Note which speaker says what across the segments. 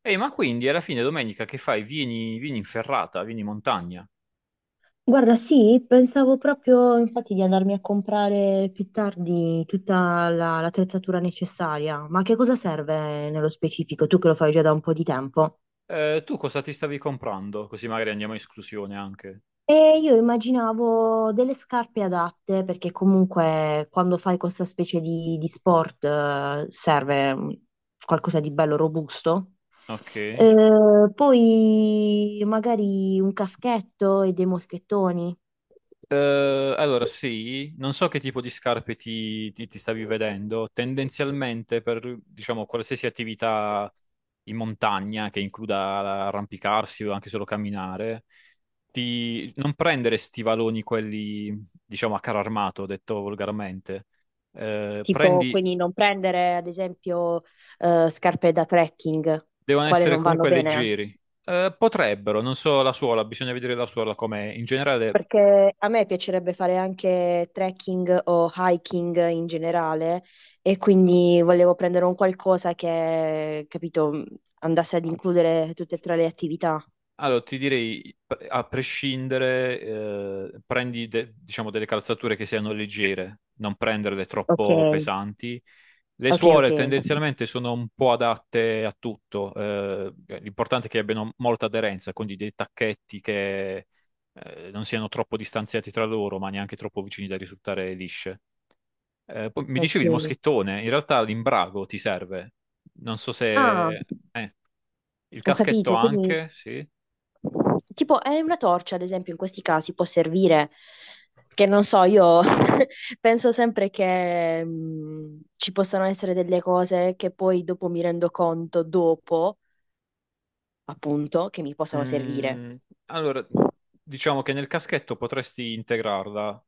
Speaker 1: Ehi, ma quindi alla fine domenica che fai? Vieni, vieni in ferrata, vieni in montagna.
Speaker 2: Guarda, sì, pensavo proprio infatti di andarmi a comprare più tardi tutta l'attrezzatura necessaria, ma che cosa serve nello specifico? Tu che lo fai già da un po' di tempo.
Speaker 1: Tu cosa ti stavi comprando? Così magari andiamo in esclusione anche.
Speaker 2: E io immaginavo delle scarpe adatte, perché comunque quando fai questa specie di sport serve qualcosa di bello robusto.
Speaker 1: Ok.
Speaker 2: Poi magari un caschetto e dei moschettoni.
Speaker 1: Allora sì, non so che tipo di scarpe ti stavi vedendo. Tendenzialmente per, diciamo, qualsiasi attività in montagna che includa arrampicarsi o anche solo camminare, di non prendere stivaloni quelli, diciamo, a caro armato, detto volgarmente.
Speaker 2: Tipo,
Speaker 1: Prendi
Speaker 2: quindi non prendere, ad esempio, scarpe da trekking,
Speaker 1: devono
Speaker 2: quale
Speaker 1: essere
Speaker 2: non vanno
Speaker 1: comunque
Speaker 2: bene.
Speaker 1: leggeri. Potrebbero, non so la suola, bisogna vedere la suola com'è. In generale,
Speaker 2: Perché a me piacerebbe fare anche trekking o hiking in generale e quindi volevo prendere un qualcosa che, capito, andasse ad includere tutte e tre le attività.
Speaker 1: allora ti direi, a prescindere, prendi diciamo delle calzature che siano leggere, non prenderle
Speaker 2: Ok,
Speaker 1: troppo pesanti. Le
Speaker 2: ok, ok.
Speaker 1: suole tendenzialmente sono un po' adatte a tutto, l'importante è che abbiano molta aderenza, quindi dei tacchetti che non siano troppo distanziati tra loro, ma neanche troppo vicini da risultare lisce. Poi mi dicevi il
Speaker 2: Ok.
Speaker 1: moschettone, in realtà l'imbrago ti serve. Non so
Speaker 2: Ah,
Speaker 1: se, eh, il
Speaker 2: ho
Speaker 1: caschetto
Speaker 2: capito, quindi
Speaker 1: anche, sì.
Speaker 2: tipo, è una torcia, ad esempio, in questi casi può servire, che non so, io penso sempre che ci possano essere delle cose che poi dopo mi rendo conto, dopo, appunto, che mi possano servire.
Speaker 1: Mm, allora, diciamo che nel caschetto potresti integrarla,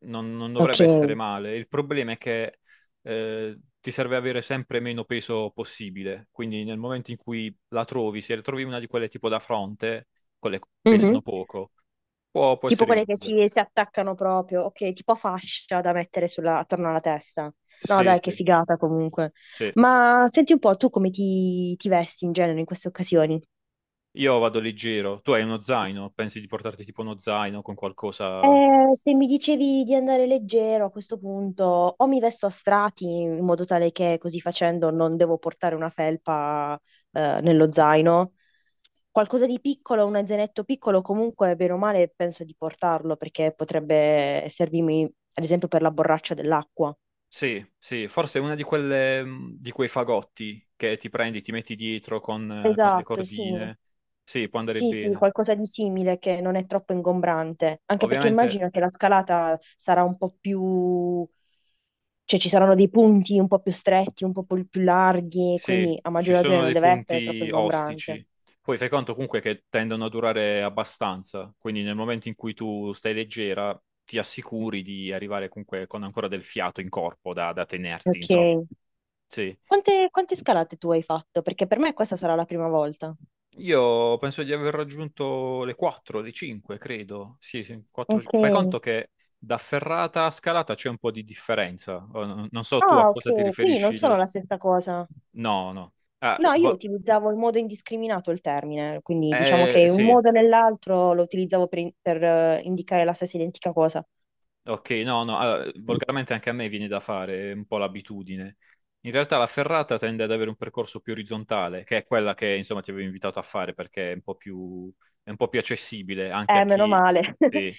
Speaker 1: non
Speaker 2: Ok.
Speaker 1: dovrebbe essere male. Il problema è che ti serve avere sempre meno peso possibile, quindi nel momento in cui la trovi, se trovi una di quelle tipo da fronte, quelle che
Speaker 2: Mhm.
Speaker 1: pesano poco, può
Speaker 2: Tipo
Speaker 1: essere
Speaker 2: quelle che
Speaker 1: utile.
Speaker 2: si attaccano proprio, ok, tipo fascia da mettere attorno alla testa. No,
Speaker 1: Sì,
Speaker 2: dai, che
Speaker 1: sì,
Speaker 2: figata comunque.
Speaker 1: sì.
Speaker 2: Ma senti un po', tu come ti vesti in genere in queste occasioni?
Speaker 1: Io vado leggero. Tu hai uno zaino? Pensi di portarti tipo uno zaino con qualcosa?
Speaker 2: Se mi dicevi di andare leggero a questo punto, o mi vesto a strati in modo tale che così facendo non devo portare una felpa nello zaino, qualcosa di piccolo, un zainetto piccolo comunque, bene o male, penso di portarlo perché potrebbe servirmi, ad esempio, per la borraccia dell'acqua.
Speaker 1: Sì, sì, forse è una di quelle, di quei fagotti che ti prendi, ti metti dietro con le
Speaker 2: Esatto, sì.
Speaker 1: cordine. Sì, può andare
Speaker 2: Sì, sì,
Speaker 1: bene.
Speaker 2: qualcosa di simile che non è troppo ingombrante, anche perché
Speaker 1: Ovviamente,
Speaker 2: immagino che la scalata sarà un po' più. Cioè ci saranno dei punti un po' più stretti, un po' più larghi,
Speaker 1: sì,
Speaker 2: quindi a
Speaker 1: ci
Speaker 2: maggior ragione
Speaker 1: sono
Speaker 2: non
Speaker 1: dei
Speaker 2: deve essere troppo
Speaker 1: punti
Speaker 2: ingombrante.
Speaker 1: ostici. Poi fai conto comunque che tendono a durare abbastanza, quindi nel momento in cui tu stai leggera, ti assicuri di arrivare comunque con ancora del fiato in corpo da tenerti,
Speaker 2: Ok.
Speaker 1: insomma. Sì.
Speaker 2: Quante scalate tu hai fatto? Perché per me questa sarà la prima volta.
Speaker 1: Io penso di aver raggiunto le 4, le 5, credo. Sì, sì, 4. Fai
Speaker 2: Ok.
Speaker 1: conto che da ferrata a scalata c'è un po' di differenza. Oh, non so tu a
Speaker 2: Ah,
Speaker 1: cosa ti
Speaker 2: ok, quindi non
Speaker 1: riferisci.
Speaker 2: sono la stessa cosa.
Speaker 1: No, no. Ah,
Speaker 2: No, io utilizzavo in modo indiscriminato il termine, quindi diciamo che un
Speaker 1: sì,
Speaker 2: modo o nell'altro lo utilizzavo per, per, indicare la stessa identica cosa.
Speaker 1: ok, no, no. Allora, volgarmente anche a me viene da fare è un po' l'abitudine. In realtà la ferrata tende ad avere un percorso più orizzontale, che è quella che insomma ti avevo invitato a fare perché è un po' più accessibile anche a
Speaker 2: Meno
Speaker 1: chi
Speaker 2: male.
Speaker 1: sì,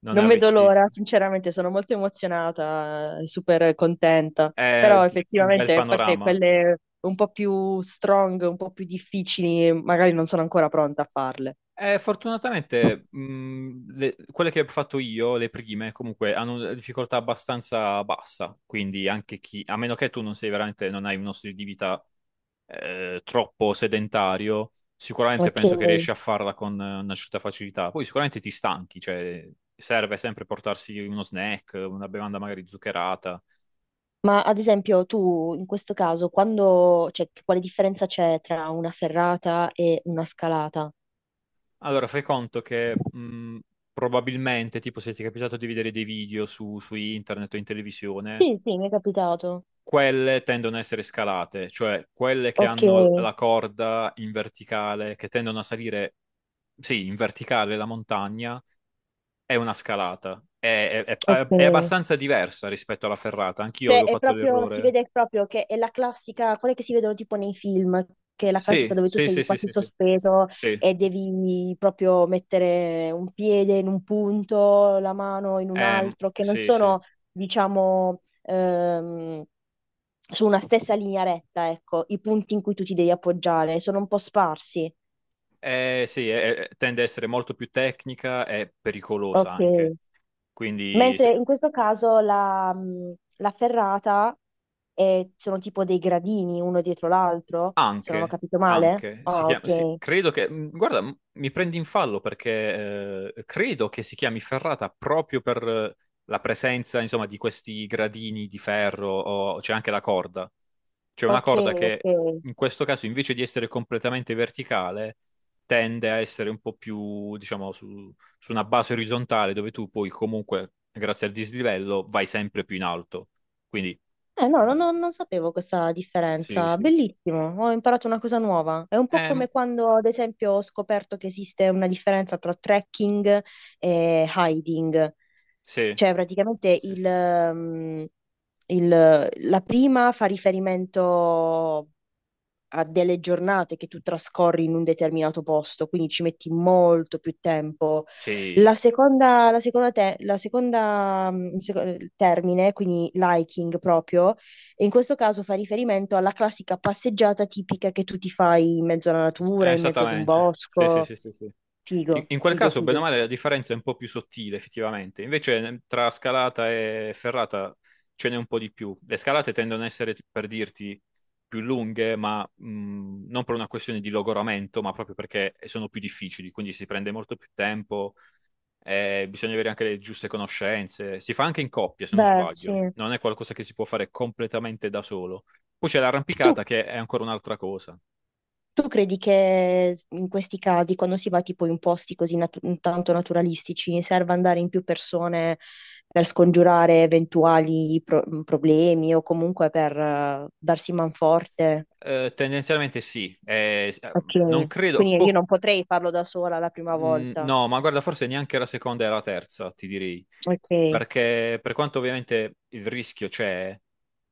Speaker 1: non è
Speaker 2: Non vedo l'ora,
Speaker 1: avvezzissimo.
Speaker 2: sinceramente sono molto emozionata, super contenta,
Speaker 1: È
Speaker 2: però
Speaker 1: un bel
Speaker 2: effettivamente forse
Speaker 1: panorama.
Speaker 2: quelle un po' più strong, un po' più difficili, magari non sono ancora pronta a farle.
Speaker 1: Fortunatamente, quelle che ho fatto io, le prime, comunque hanno una difficoltà abbastanza bassa. Quindi anche chi, a meno che tu non sei veramente, non hai uno stile di vita troppo sedentario, sicuramente
Speaker 2: Ok.
Speaker 1: penso che riesci a farla con una certa facilità. Poi sicuramente ti stanchi, cioè serve sempre portarsi uno snack, una bevanda magari zuccherata.
Speaker 2: Ma ad esempio tu in questo caso, quando, cioè, quale differenza c'è tra una ferrata e una scalata?
Speaker 1: Allora, fai conto che probabilmente, tipo se ti è capitato di vedere dei video su internet o in televisione,
Speaker 2: Sì, sì, mi è capitato.
Speaker 1: quelle tendono a essere scalate, cioè quelle che
Speaker 2: Ok,
Speaker 1: hanno la corda in verticale, che tendono a salire, sì, in verticale la montagna, è una scalata. È
Speaker 2: ok.
Speaker 1: abbastanza diversa rispetto alla ferrata. Anch'io
Speaker 2: Cioè,
Speaker 1: avevo
Speaker 2: è
Speaker 1: fatto
Speaker 2: proprio, si
Speaker 1: l'errore.
Speaker 2: vede proprio che è la classica, quelle che si vedono tipo nei film, che è la classica
Speaker 1: Sì,
Speaker 2: dove tu
Speaker 1: sì,
Speaker 2: sei
Speaker 1: sì, sì,
Speaker 2: quasi
Speaker 1: sì, sì.
Speaker 2: sospeso
Speaker 1: Sì,
Speaker 2: e devi proprio mettere un piede in un punto, la mano in un altro, che non
Speaker 1: Sì, sì.
Speaker 2: sono, diciamo, su una stessa linea retta, ecco, i punti in cui tu ti devi appoggiare, sono un po' sparsi.
Speaker 1: Sì, tende a essere molto più tecnica e pericolosa
Speaker 2: Ok.
Speaker 1: anche. Quindi
Speaker 2: Mentre
Speaker 1: se-
Speaker 2: in questo caso la, la ferrata sono tipo dei gradini uno dietro l'altro, se non ho
Speaker 1: Anche,
Speaker 2: capito male.
Speaker 1: anche, si
Speaker 2: Ah,
Speaker 1: chiama, sì,
Speaker 2: ok.
Speaker 1: credo che, guarda, mi prendi in fallo perché credo che si chiami ferrata proprio per la presenza, insomma, di questi gradini di ferro, o c'è anche la corda. C'è una
Speaker 2: Ok,
Speaker 1: corda che
Speaker 2: ok.
Speaker 1: in questo caso, invece di essere completamente verticale, tende a essere un po' più, diciamo, su una base orizzontale dove tu poi comunque, grazie al dislivello, vai sempre più in alto. Quindi,
Speaker 2: Eh no, non sapevo questa
Speaker 1: sì,
Speaker 2: differenza.
Speaker 1: sì.
Speaker 2: Bellissimo, ho imparato una cosa nuova. È un po' come
Speaker 1: Ehm,
Speaker 2: quando, ad esempio, ho scoperto che esiste una differenza tra trekking e hiding.
Speaker 1: sì.
Speaker 2: Cioè, praticamente
Speaker 1: Sì, sì.
Speaker 2: mm, la prima fa riferimento a delle giornate che tu trascorri in un determinato posto, quindi ci metti molto più tempo.
Speaker 1: Sì,
Speaker 2: La seconda, te- la seconda, mm, il seco- il termine, quindi liking proprio, e in questo caso fa riferimento alla classica passeggiata tipica che tu ti fai in mezzo alla natura, in mezzo ad un
Speaker 1: esattamente. Sì, sì,
Speaker 2: bosco.
Speaker 1: sì, sì, sì. In,
Speaker 2: Figo,
Speaker 1: in quel
Speaker 2: figo,
Speaker 1: caso, bene o
Speaker 2: figo.
Speaker 1: male, la differenza è un po' più sottile, effettivamente. Invece, tra scalata e ferrata ce n'è un po' di più. Le scalate tendono a essere, per dirti, più lunghe, ma non per una questione di logoramento, ma proprio perché sono più difficili, quindi si prende molto più tempo, bisogna avere anche le giuste conoscenze. Si fa anche in coppia, se non
Speaker 2: Beh, sì.
Speaker 1: sbaglio. Non è qualcosa che si può fare completamente da solo. Poi c'è
Speaker 2: Tu
Speaker 1: l'arrampicata che è ancora un'altra cosa.
Speaker 2: Tu credi che in questi casi, quando si va tipo in posti così tanto naturalistici, serva andare in più persone per scongiurare eventuali problemi o comunque per darsi manforte?
Speaker 1: Tendenzialmente sì, non
Speaker 2: Ok,
Speaker 1: credo,
Speaker 2: quindi io non potrei farlo da sola la prima volta.
Speaker 1: no, ma guarda, forse neanche la seconda e la terza, ti direi,
Speaker 2: Ok,
Speaker 1: perché per quanto ovviamente il rischio c'è,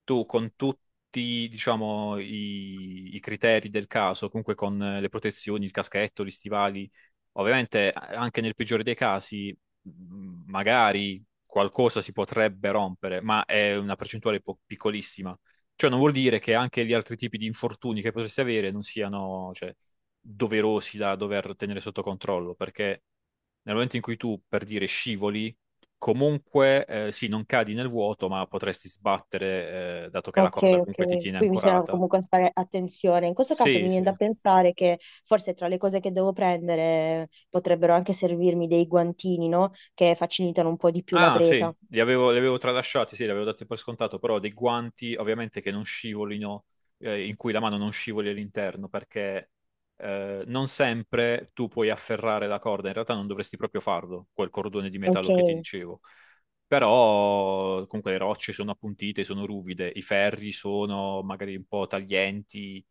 Speaker 1: tu con tutti, diciamo, i criteri del caso, comunque con le protezioni, il caschetto, gli stivali, ovviamente anche nel peggiore dei casi, magari qualcosa si potrebbe rompere, ma è una percentuale piccolissima. Cioè, non vuol dire che anche gli altri tipi di infortuni che potresti avere non siano, cioè, doverosi da dover tenere sotto controllo, perché nel momento in cui tu, per dire, scivoli, comunque, sì, non cadi nel vuoto, ma potresti sbattere, dato che la
Speaker 2: ok,
Speaker 1: corda
Speaker 2: ok.
Speaker 1: comunque ti
Speaker 2: Quindi
Speaker 1: tiene
Speaker 2: bisogna
Speaker 1: ancorata.
Speaker 2: comunque fare attenzione. In questo caso mi
Speaker 1: Sì,
Speaker 2: viene
Speaker 1: sì.
Speaker 2: da pensare che forse tra le cose che devo prendere potrebbero anche servirmi dei guantini, no? Che facilitano un po' di più la
Speaker 1: Ah, sì,
Speaker 2: presa.
Speaker 1: li avevo tralasciati, sì, li avevo dati per scontato, però dei guanti ovviamente che non scivolino, in cui la mano non scivoli all'interno, perché non sempre tu puoi afferrare la corda, in realtà non dovresti proprio farlo, quel cordone di
Speaker 2: Ok,
Speaker 1: metallo che ti dicevo. Però comunque le rocce sono appuntite, sono ruvide, i ferri sono magari un po' taglienti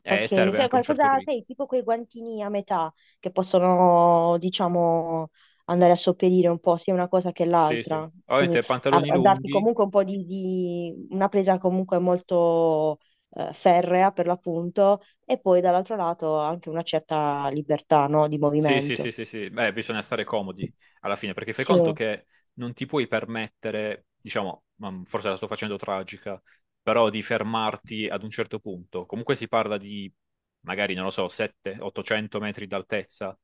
Speaker 1: e
Speaker 2: ok,
Speaker 1: serve
Speaker 2: sai
Speaker 1: anche un certo
Speaker 2: qualcosa,
Speaker 1: grip.
Speaker 2: sai, tipo quei guantini a metà che possono, diciamo, andare a sopperire un po' sia una cosa che
Speaker 1: Sì, sì.
Speaker 2: l'altra, quindi
Speaker 1: Ovviamente
Speaker 2: a,
Speaker 1: pantaloni
Speaker 2: a darti
Speaker 1: lunghi.
Speaker 2: comunque un po' di una presa comunque molto ferrea per l'appunto e poi dall'altro lato anche una certa libertà, no, di
Speaker 1: Sì, sì, sì,
Speaker 2: movimento.
Speaker 1: sì, sì. Beh, bisogna stare comodi alla fine, perché fai
Speaker 2: Sì.
Speaker 1: conto che non ti puoi permettere, diciamo, ma forse la sto facendo tragica, però di fermarti ad un certo punto. Comunque si parla di, magari, non lo so, 700-800 metri d'altezza,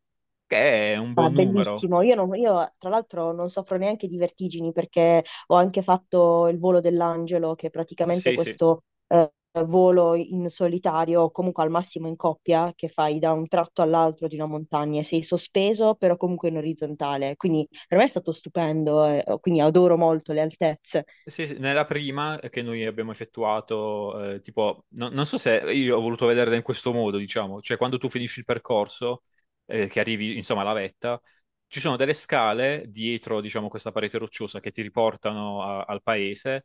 Speaker 1: che è un
Speaker 2: No, è
Speaker 1: buon numero.
Speaker 2: bellissimo. Io, io, tra l'altro non soffro neanche di vertigini perché ho anche fatto il volo dell'angelo, che è praticamente
Speaker 1: Sì, sì.
Speaker 2: questo volo in solitario o comunque al massimo in coppia che fai da un tratto all'altro di una montagna e sei sospeso però comunque in orizzontale. Quindi per me è stato stupendo, quindi adoro molto le altezze.
Speaker 1: Sì, sì, nella prima che noi abbiamo effettuato, tipo, non so se io ho voluto vederla in questo modo, diciamo, cioè quando tu finisci il percorso, che arrivi insomma alla vetta, ci sono delle scale dietro, diciamo, questa parete rocciosa che ti riportano al paese,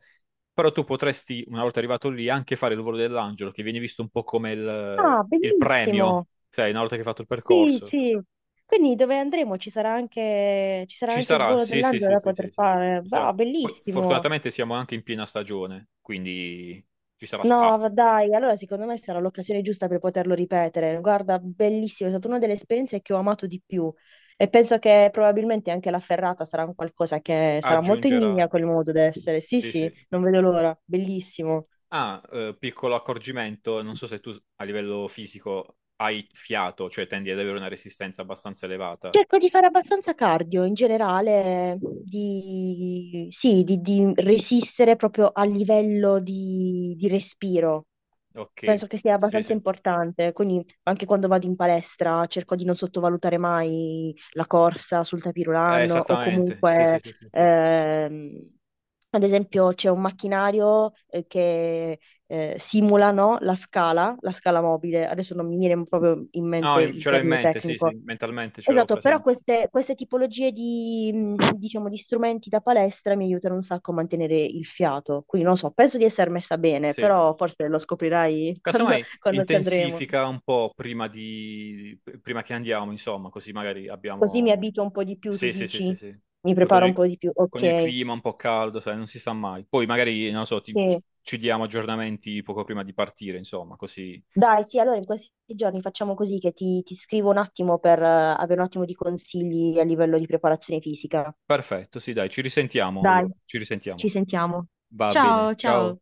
Speaker 1: però tu potresti, una volta arrivato lì, anche fare il volo dell'angelo, che viene visto un po' come il,
Speaker 2: Ah,
Speaker 1: il premio,
Speaker 2: bellissimo.
Speaker 1: sai, una volta che hai fatto il
Speaker 2: Sì,
Speaker 1: percorso.
Speaker 2: sì. Quindi dove andremo? Ci sarà
Speaker 1: Ci
Speaker 2: anche il
Speaker 1: sarà,
Speaker 2: volo
Speaker 1: sì, sì,
Speaker 2: dell'angelo
Speaker 1: sì,
Speaker 2: da
Speaker 1: sì,
Speaker 2: poter
Speaker 1: sì, sì.
Speaker 2: fare.
Speaker 1: Ci
Speaker 2: Bah,
Speaker 1: sarà. Poi,
Speaker 2: bellissimo.
Speaker 1: fortunatamente siamo anche in piena stagione, quindi ci sarà
Speaker 2: No,
Speaker 1: spazio.
Speaker 2: dai, allora secondo me sarà l'occasione giusta per poterlo ripetere. Guarda, bellissimo, è stata una delle esperienze che ho amato di più e penso che probabilmente anche la ferrata sarà un qualcosa che sarà molto in linea
Speaker 1: Aggiungerà,
Speaker 2: col modo d'essere. Sì,
Speaker 1: sì,
Speaker 2: sì,
Speaker 1: sì.
Speaker 2: non vedo l'ora, bellissimo.
Speaker 1: Ah, piccolo accorgimento, non so se tu a livello fisico hai fiato, cioè tendi ad avere una resistenza abbastanza elevata.
Speaker 2: Cerco di fare abbastanza cardio in generale, di, sì, di resistere proprio a livello di respiro. Penso
Speaker 1: Ok,
Speaker 2: che sia
Speaker 1: sì,
Speaker 2: abbastanza
Speaker 1: sì.
Speaker 2: importante, quindi anche quando vado in palestra cerco di non sottovalutare mai la corsa sul tapis
Speaker 1: Eh,
Speaker 2: roulant o
Speaker 1: esattamente, sì,
Speaker 2: comunque,
Speaker 1: sì, sì, sì, sì.
Speaker 2: ehm, ad esempio, c'è un macchinario che simula, no, la scala mobile. Adesso non mi viene proprio in mente
Speaker 1: No,
Speaker 2: il
Speaker 1: ce l'ho in
Speaker 2: termine
Speaker 1: mente, sì, sì,
Speaker 2: tecnico.
Speaker 1: mentalmente ce l'ho
Speaker 2: Esatto, però
Speaker 1: presente.
Speaker 2: queste tipologie di, diciamo, di strumenti da palestra mi aiutano un sacco a mantenere il fiato. Quindi non so, penso di essere messa bene,
Speaker 1: Sì.
Speaker 2: però forse lo scoprirai quando,
Speaker 1: Casomai
Speaker 2: quando ci andremo.
Speaker 1: intensifica un po' prima che andiamo, insomma, così magari
Speaker 2: Così mi
Speaker 1: abbiamo.
Speaker 2: abituo un po' di più, tu
Speaker 1: Sì, sì, sì, sì,
Speaker 2: dici?
Speaker 1: sì.
Speaker 2: Mi
Speaker 1: Poi con
Speaker 2: preparo un
Speaker 1: il,
Speaker 2: po' di più.
Speaker 1: con il
Speaker 2: Ok,
Speaker 1: clima un po' caldo, sai, non si sa mai. Poi magari, non lo so,
Speaker 2: sì.
Speaker 1: ci diamo aggiornamenti poco prima di partire, insomma, così.
Speaker 2: Dai, sì, allora in questi giorni facciamo così che ti scrivo un attimo per avere un attimo di consigli a livello di preparazione fisica.
Speaker 1: Perfetto, sì, dai, ci risentiamo
Speaker 2: Dai,
Speaker 1: allora, ci
Speaker 2: ci
Speaker 1: risentiamo.
Speaker 2: sentiamo.
Speaker 1: Va
Speaker 2: Ciao,
Speaker 1: bene, ciao.
Speaker 2: ciao.